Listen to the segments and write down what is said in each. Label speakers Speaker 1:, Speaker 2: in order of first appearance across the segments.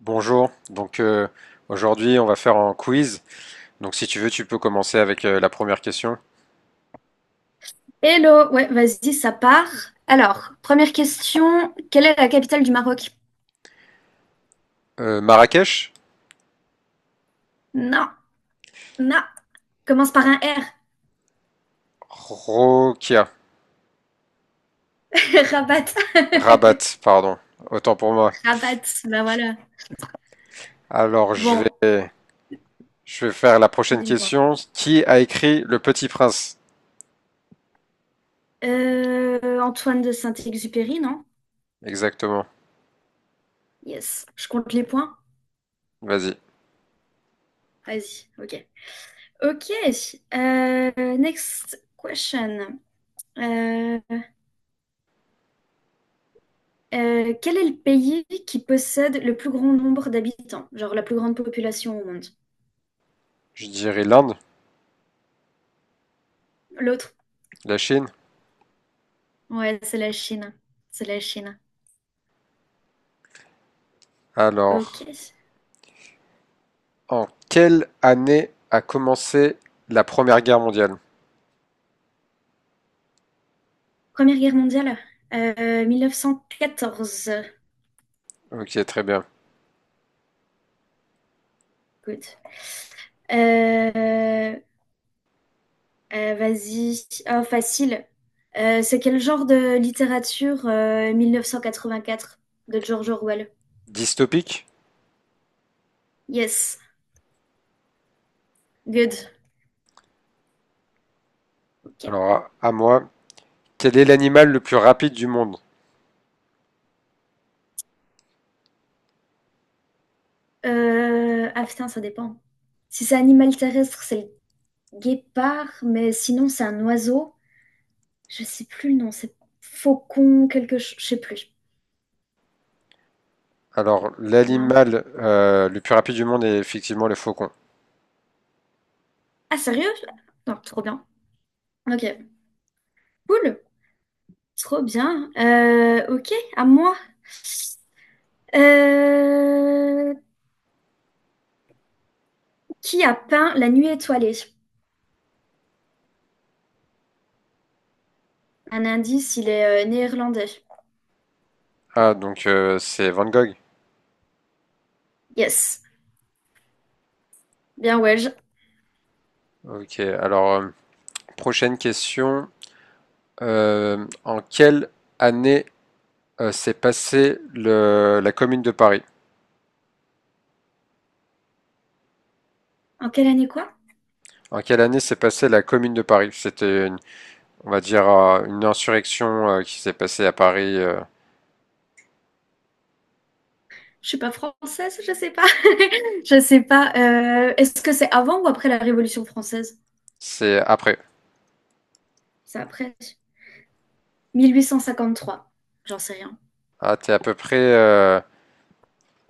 Speaker 1: Bonjour, donc aujourd'hui on va faire un quiz. Donc si tu veux, tu peux commencer avec la première question.
Speaker 2: Hello, ouais, vas-y, ça part. Alors, première question, quelle est la capitale du Maroc?
Speaker 1: Marrakech?
Speaker 2: Non, non, commence par un R.
Speaker 1: Rokia.
Speaker 2: Rabat.
Speaker 1: Rabat, pardon. Autant pour moi.
Speaker 2: Rabat, bah voilà.
Speaker 1: Alors je
Speaker 2: Bon,
Speaker 1: vais, je vais faire la prochaine
Speaker 2: dis-moi.
Speaker 1: question. Qui a écrit Le Petit Prince?
Speaker 2: Antoine de Saint-Exupéry, non?
Speaker 1: Exactement.
Speaker 2: Yes, je compte les points.
Speaker 1: Vas-y.
Speaker 2: Vas-y, ok. Ok, next question. Euh, quel est le pays qui possède le plus grand nombre d'habitants? Genre la plus grande population au monde?
Speaker 1: Je dirais l'Inde,
Speaker 2: L'autre.
Speaker 1: la Chine.
Speaker 2: Ouais, c'est la Chine. C'est la Chine. Ok.
Speaker 1: Alors, en quelle année a commencé la Première Guerre mondiale?
Speaker 2: Première guerre mondiale, 1914.
Speaker 1: Ok, très bien.
Speaker 2: Good. Euh, vas-y. Oh, facile. C'est quel genre de littérature 1984 de George Orwell?
Speaker 1: Dystopique?
Speaker 2: Yes. Good. Ok.
Speaker 1: Alors à moi. Quel est l'animal le plus rapide du monde?
Speaker 2: Ah putain, ça dépend. Si c'est animal terrestre, c'est le guépard, mais sinon c'est un oiseau. Je sais plus le nom, c'est faucon, quelque chose. Je sais plus.
Speaker 1: Alors,
Speaker 2: Non?
Speaker 1: l'animal le plus rapide du monde est effectivement le faucon.
Speaker 2: Ah, sérieux? Non, trop bien. Ok, cool. Trop bien. Ok, à moi. Euh, qui a peint La Nuit étoilée? Un indice, il est néerlandais.
Speaker 1: Ah, donc c'est Van Gogh.
Speaker 2: Yes, bien Welsh.
Speaker 1: Ok, alors, prochaine question. En quelle année s'est passée la Commune de Paris?
Speaker 2: En quelle année quoi?
Speaker 1: En quelle année s'est passée la Commune de Paris? C'était, on va dire, une insurrection qui s'est passée à Paris.
Speaker 2: Je suis pas française, je sais pas. Je sais pas. Est-ce que c'est avant ou après la Révolution française?
Speaker 1: C'est après.
Speaker 2: C'est après. 1853. J'en sais rien.
Speaker 1: Ah, t'es à peu près,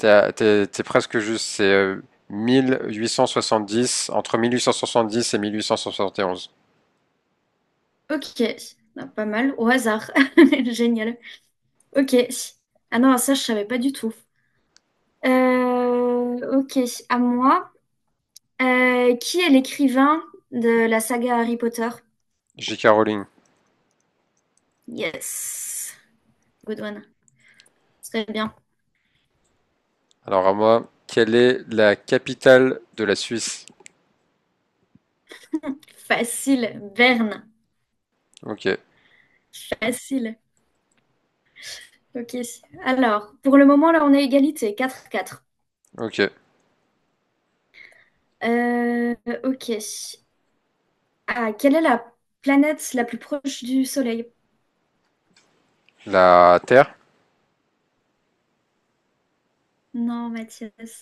Speaker 1: t'es presque juste, c'est dix entre 1870 et 1871.
Speaker 2: Ok, ah, pas mal. Au hasard. Génial. Ok. Ah non, ça, je savais pas du tout. Ok, à moi. Qui est l'écrivain de la saga Harry Potter?
Speaker 1: J.K. Rowling.
Speaker 2: Yes, good one. Très bien.
Speaker 1: Alors à moi, quelle est la capitale de la Suisse?
Speaker 2: Facile, Verne.
Speaker 1: Ok,
Speaker 2: Facile. Ok. Alors, pour le moment, là, on est égalité, quatre quatre.
Speaker 1: ok.
Speaker 2: Euh, ok. Ah, quelle est la planète la plus proche du Soleil?
Speaker 1: La Terre?
Speaker 2: Non, Mathias.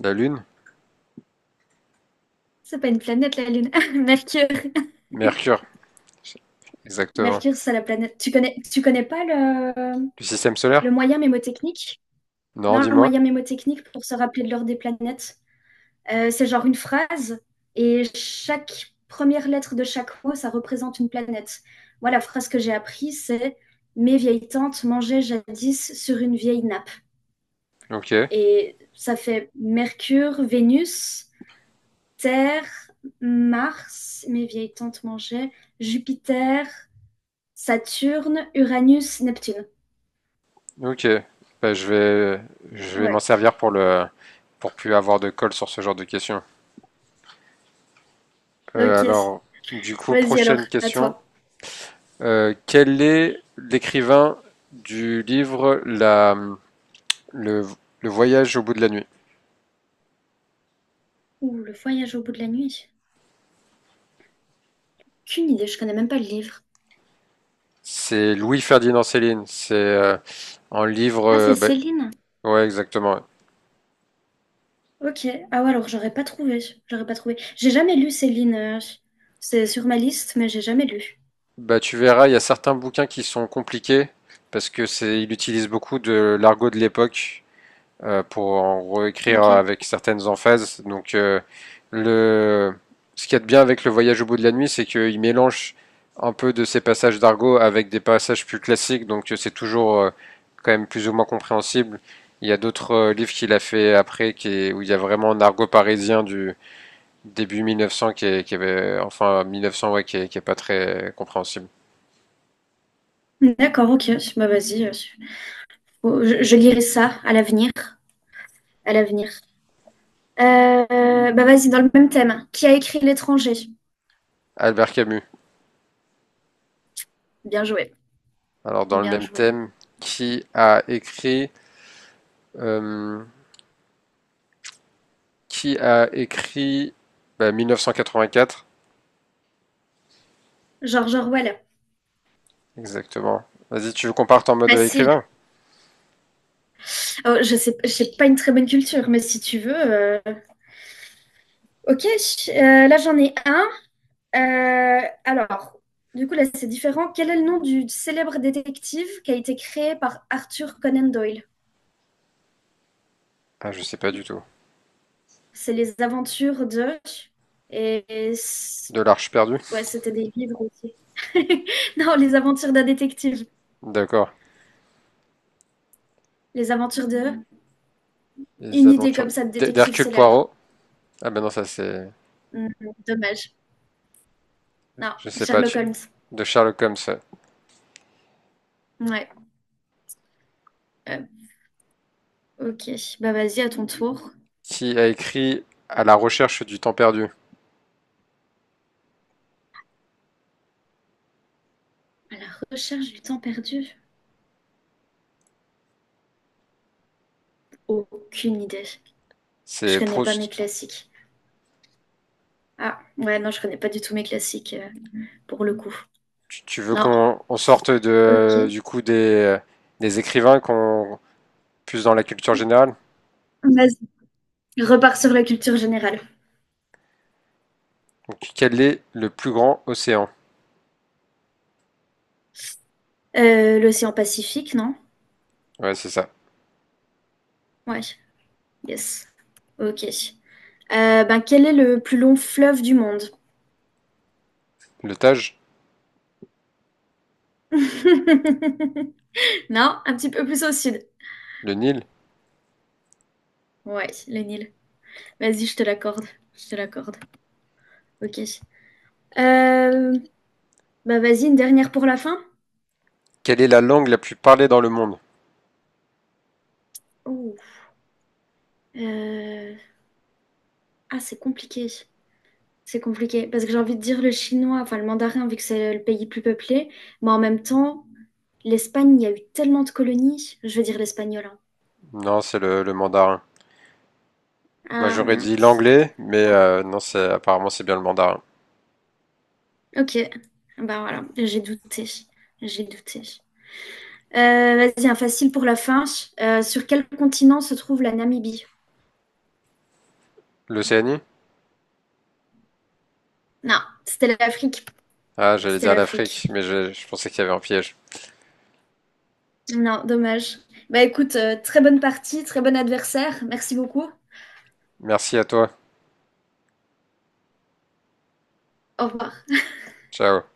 Speaker 1: La Lune?
Speaker 2: C'est pas une planète, la Lune. Mercure.
Speaker 1: Mercure? Exactement.
Speaker 2: Mercure, c'est la planète. Tu connais pas le,
Speaker 1: Du système solaire?
Speaker 2: le moyen mnémotechnique?
Speaker 1: Non,
Speaker 2: Non, un
Speaker 1: dis-moi.
Speaker 2: moyen mémotechnique pour se rappeler de l'heure des planètes. C'est genre une phrase et chaque première lettre de chaque mot, ça représente une planète. Moi, la phrase que j'ai apprise, c'est Mes vieilles tantes mangeaient jadis sur une vieille nappe.
Speaker 1: Ok,
Speaker 2: Et ça fait Mercure, Vénus, Terre, Mars, mes vieilles tantes mangeaient, Jupiter, Saturne, Uranus, Neptune.
Speaker 1: ok. Bah, je vais m'en
Speaker 2: Ouais,
Speaker 1: servir pour pour plus avoir de colle sur ce genre de questions.
Speaker 2: ok.
Speaker 1: Alors, du coup,
Speaker 2: Vas-y alors,
Speaker 1: prochaine
Speaker 2: à
Speaker 1: question.
Speaker 2: toi.
Speaker 1: Quel est l'écrivain du livre la le le voyage au bout de la nuit?
Speaker 2: Ouh, le voyage au bout de la nuit. Aucune idée, je connais même pas le livre.
Speaker 1: C'est Louis-Ferdinand Céline. C'est un livre,
Speaker 2: Ah, c'est
Speaker 1: bah,
Speaker 2: Céline.
Speaker 1: ouais, exactement, ouais.
Speaker 2: Ok. Ah ouais, alors j'aurais pas trouvé. J'aurais pas trouvé. J'ai jamais lu Céline. C'est sur ma liste, mais j'ai jamais lu.
Speaker 1: Bah, tu verras, il y a certains bouquins qui sont compliqués parce que c'est il utilise beaucoup de l'argot de l'époque. Pour en réécrire
Speaker 2: Ok.
Speaker 1: avec certaines emphases. Donc, le... ce qu'il y a de bien avec le voyage au bout de la nuit, c'est qu'il mélange un peu de ces passages d'argot avec des passages plus classiques, donc c'est toujours quand même plus ou moins compréhensible. Il y a d'autres livres qu'il a fait après où il y a vraiment un argot parisien du début 1900 qui avait, enfin 1900 ouais, qui est pas très compréhensible.
Speaker 2: D'accord, ok. Bah vas-y. Je lirai ça à l'avenir. À l'avenir. Bah vas-y, dans le même thème. Qui a écrit L'étranger?
Speaker 1: Albert Camus.
Speaker 2: Bien joué.
Speaker 1: Alors dans le
Speaker 2: Bien
Speaker 1: même
Speaker 2: joué.
Speaker 1: thème, qui a écrit euh, qui a écrit bah, 1984,
Speaker 2: George Orwell.
Speaker 1: exactement. Vas-y, tu veux qu'on parte en mode écrivain?
Speaker 2: Facile. Oh, je sais, j'ai pas une très bonne culture, mais si tu veux. Ok. Là, j'en ai un. Alors, du coup, là, c'est différent. Quel est le nom du célèbre détective qui a été créé par Arthur Conan Doyle?
Speaker 1: Ah, je sais pas du tout.
Speaker 2: C'est les aventures de... Et... et c-
Speaker 1: De l'Arche perdue?
Speaker 2: Ouais, c'était des livres aussi. Non, les aventures d'un détective.
Speaker 1: D'accord.
Speaker 2: Les aventures de...
Speaker 1: Les
Speaker 2: Une idée comme
Speaker 1: aventures
Speaker 2: ça de détective
Speaker 1: d'Hercule
Speaker 2: célèbre.
Speaker 1: Poirot. Ah ben non, ça c'est.
Speaker 2: Hmm, dommage. Non,
Speaker 1: Je sais pas,
Speaker 2: Sherlock
Speaker 1: tu.
Speaker 2: Holmes.
Speaker 1: De Sherlock Holmes.
Speaker 2: Ouais. Euh, ok, bah vas-y, à ton tour.
Speaker 1: Qui a écrit À la recherche du temps perdu?
Speaker 2: À la recherche du temps perdu? Aucune idée. Je
Speaker 1: C'est
Speaker 2: connais pas
Speaker 1: Proust.
Speaker 2: mes classiques. Ah, ouais, non, je connais pas du tout mes classiques pour le coup.
Speaker 1: Tu veux
Speaker 2: Non,
Speaker 1: qu'on sorte
Speaker 2: ok.
Speaker 1: du coup des écrivains qu'on plus dans la culture générale?
Speaker 2: Vas-y. Je repars sur la culture générale.
Speaker 1: Donc, quel est le plus grand océan?
Speaker 2: L'océan Pacifique, non?
Speaker 1: Ouais, c'est ça.
Speaker 2: Ouais, yes. Ok. Ben, quel est le plus long fleuve du monde?
Speaker 1: Le Tage?
Speaker 2: Non, un petit peu plus au sud.
Speaker 1: Le Nil?
Speaker 2: Ouais, le Nil. Vas-y, je te l'accorde. Je te l'accorde. Ok. Euh, bah vas-y, une dernière pour la fin.
Speaker 1: Quelle est la langue la plus parlée dans le monde?
Speaker 2: Oh. Euh, ah, c'est compliqué. C'est compliqué parce que j'ai envie de dire le chinois, enfin le mandarin, vu que c'est le pays plus peuplé, mais en même temps, l'Espagne, il y a eu tellement de colonies, je veux dire l'espagnol. Hein.
Speaker 1: Non, c'est le mandarin. Moi,
Speaker 2: Ah
Speaker 1: j'aurais dit
Speaker 2: mince.
Speaker 1: l'anglais, mais
Speaker 2: Bon,
Speaker 1: non, c'est apparemment c'est bien le mandarin.
Speaker 2: ok. Bah voilà, j'ai douté. J'ai douté. Vas-y, un facile pour la fin. Sur quel continent se trouve la Namibie?
Speaker 1: L'Océanie?
Speaker 2: Non, c'était l'Afrique.
Speaker 1: Ah, j'allais
Speaker 2: C'était
Speaker 1: dire l'Afrique,
Speaker 2: l'Afrique.
Speaker 1: mais je pensais qu'il y avait un piège.
Speaker 2: Non, dommage. Bah écoute, très bonne partie, très bon adversaire. Merci beaucoup.
Speaker 1: Merci à toi.
Speaker 2: Au revoir.
Speaker 1: Ciao.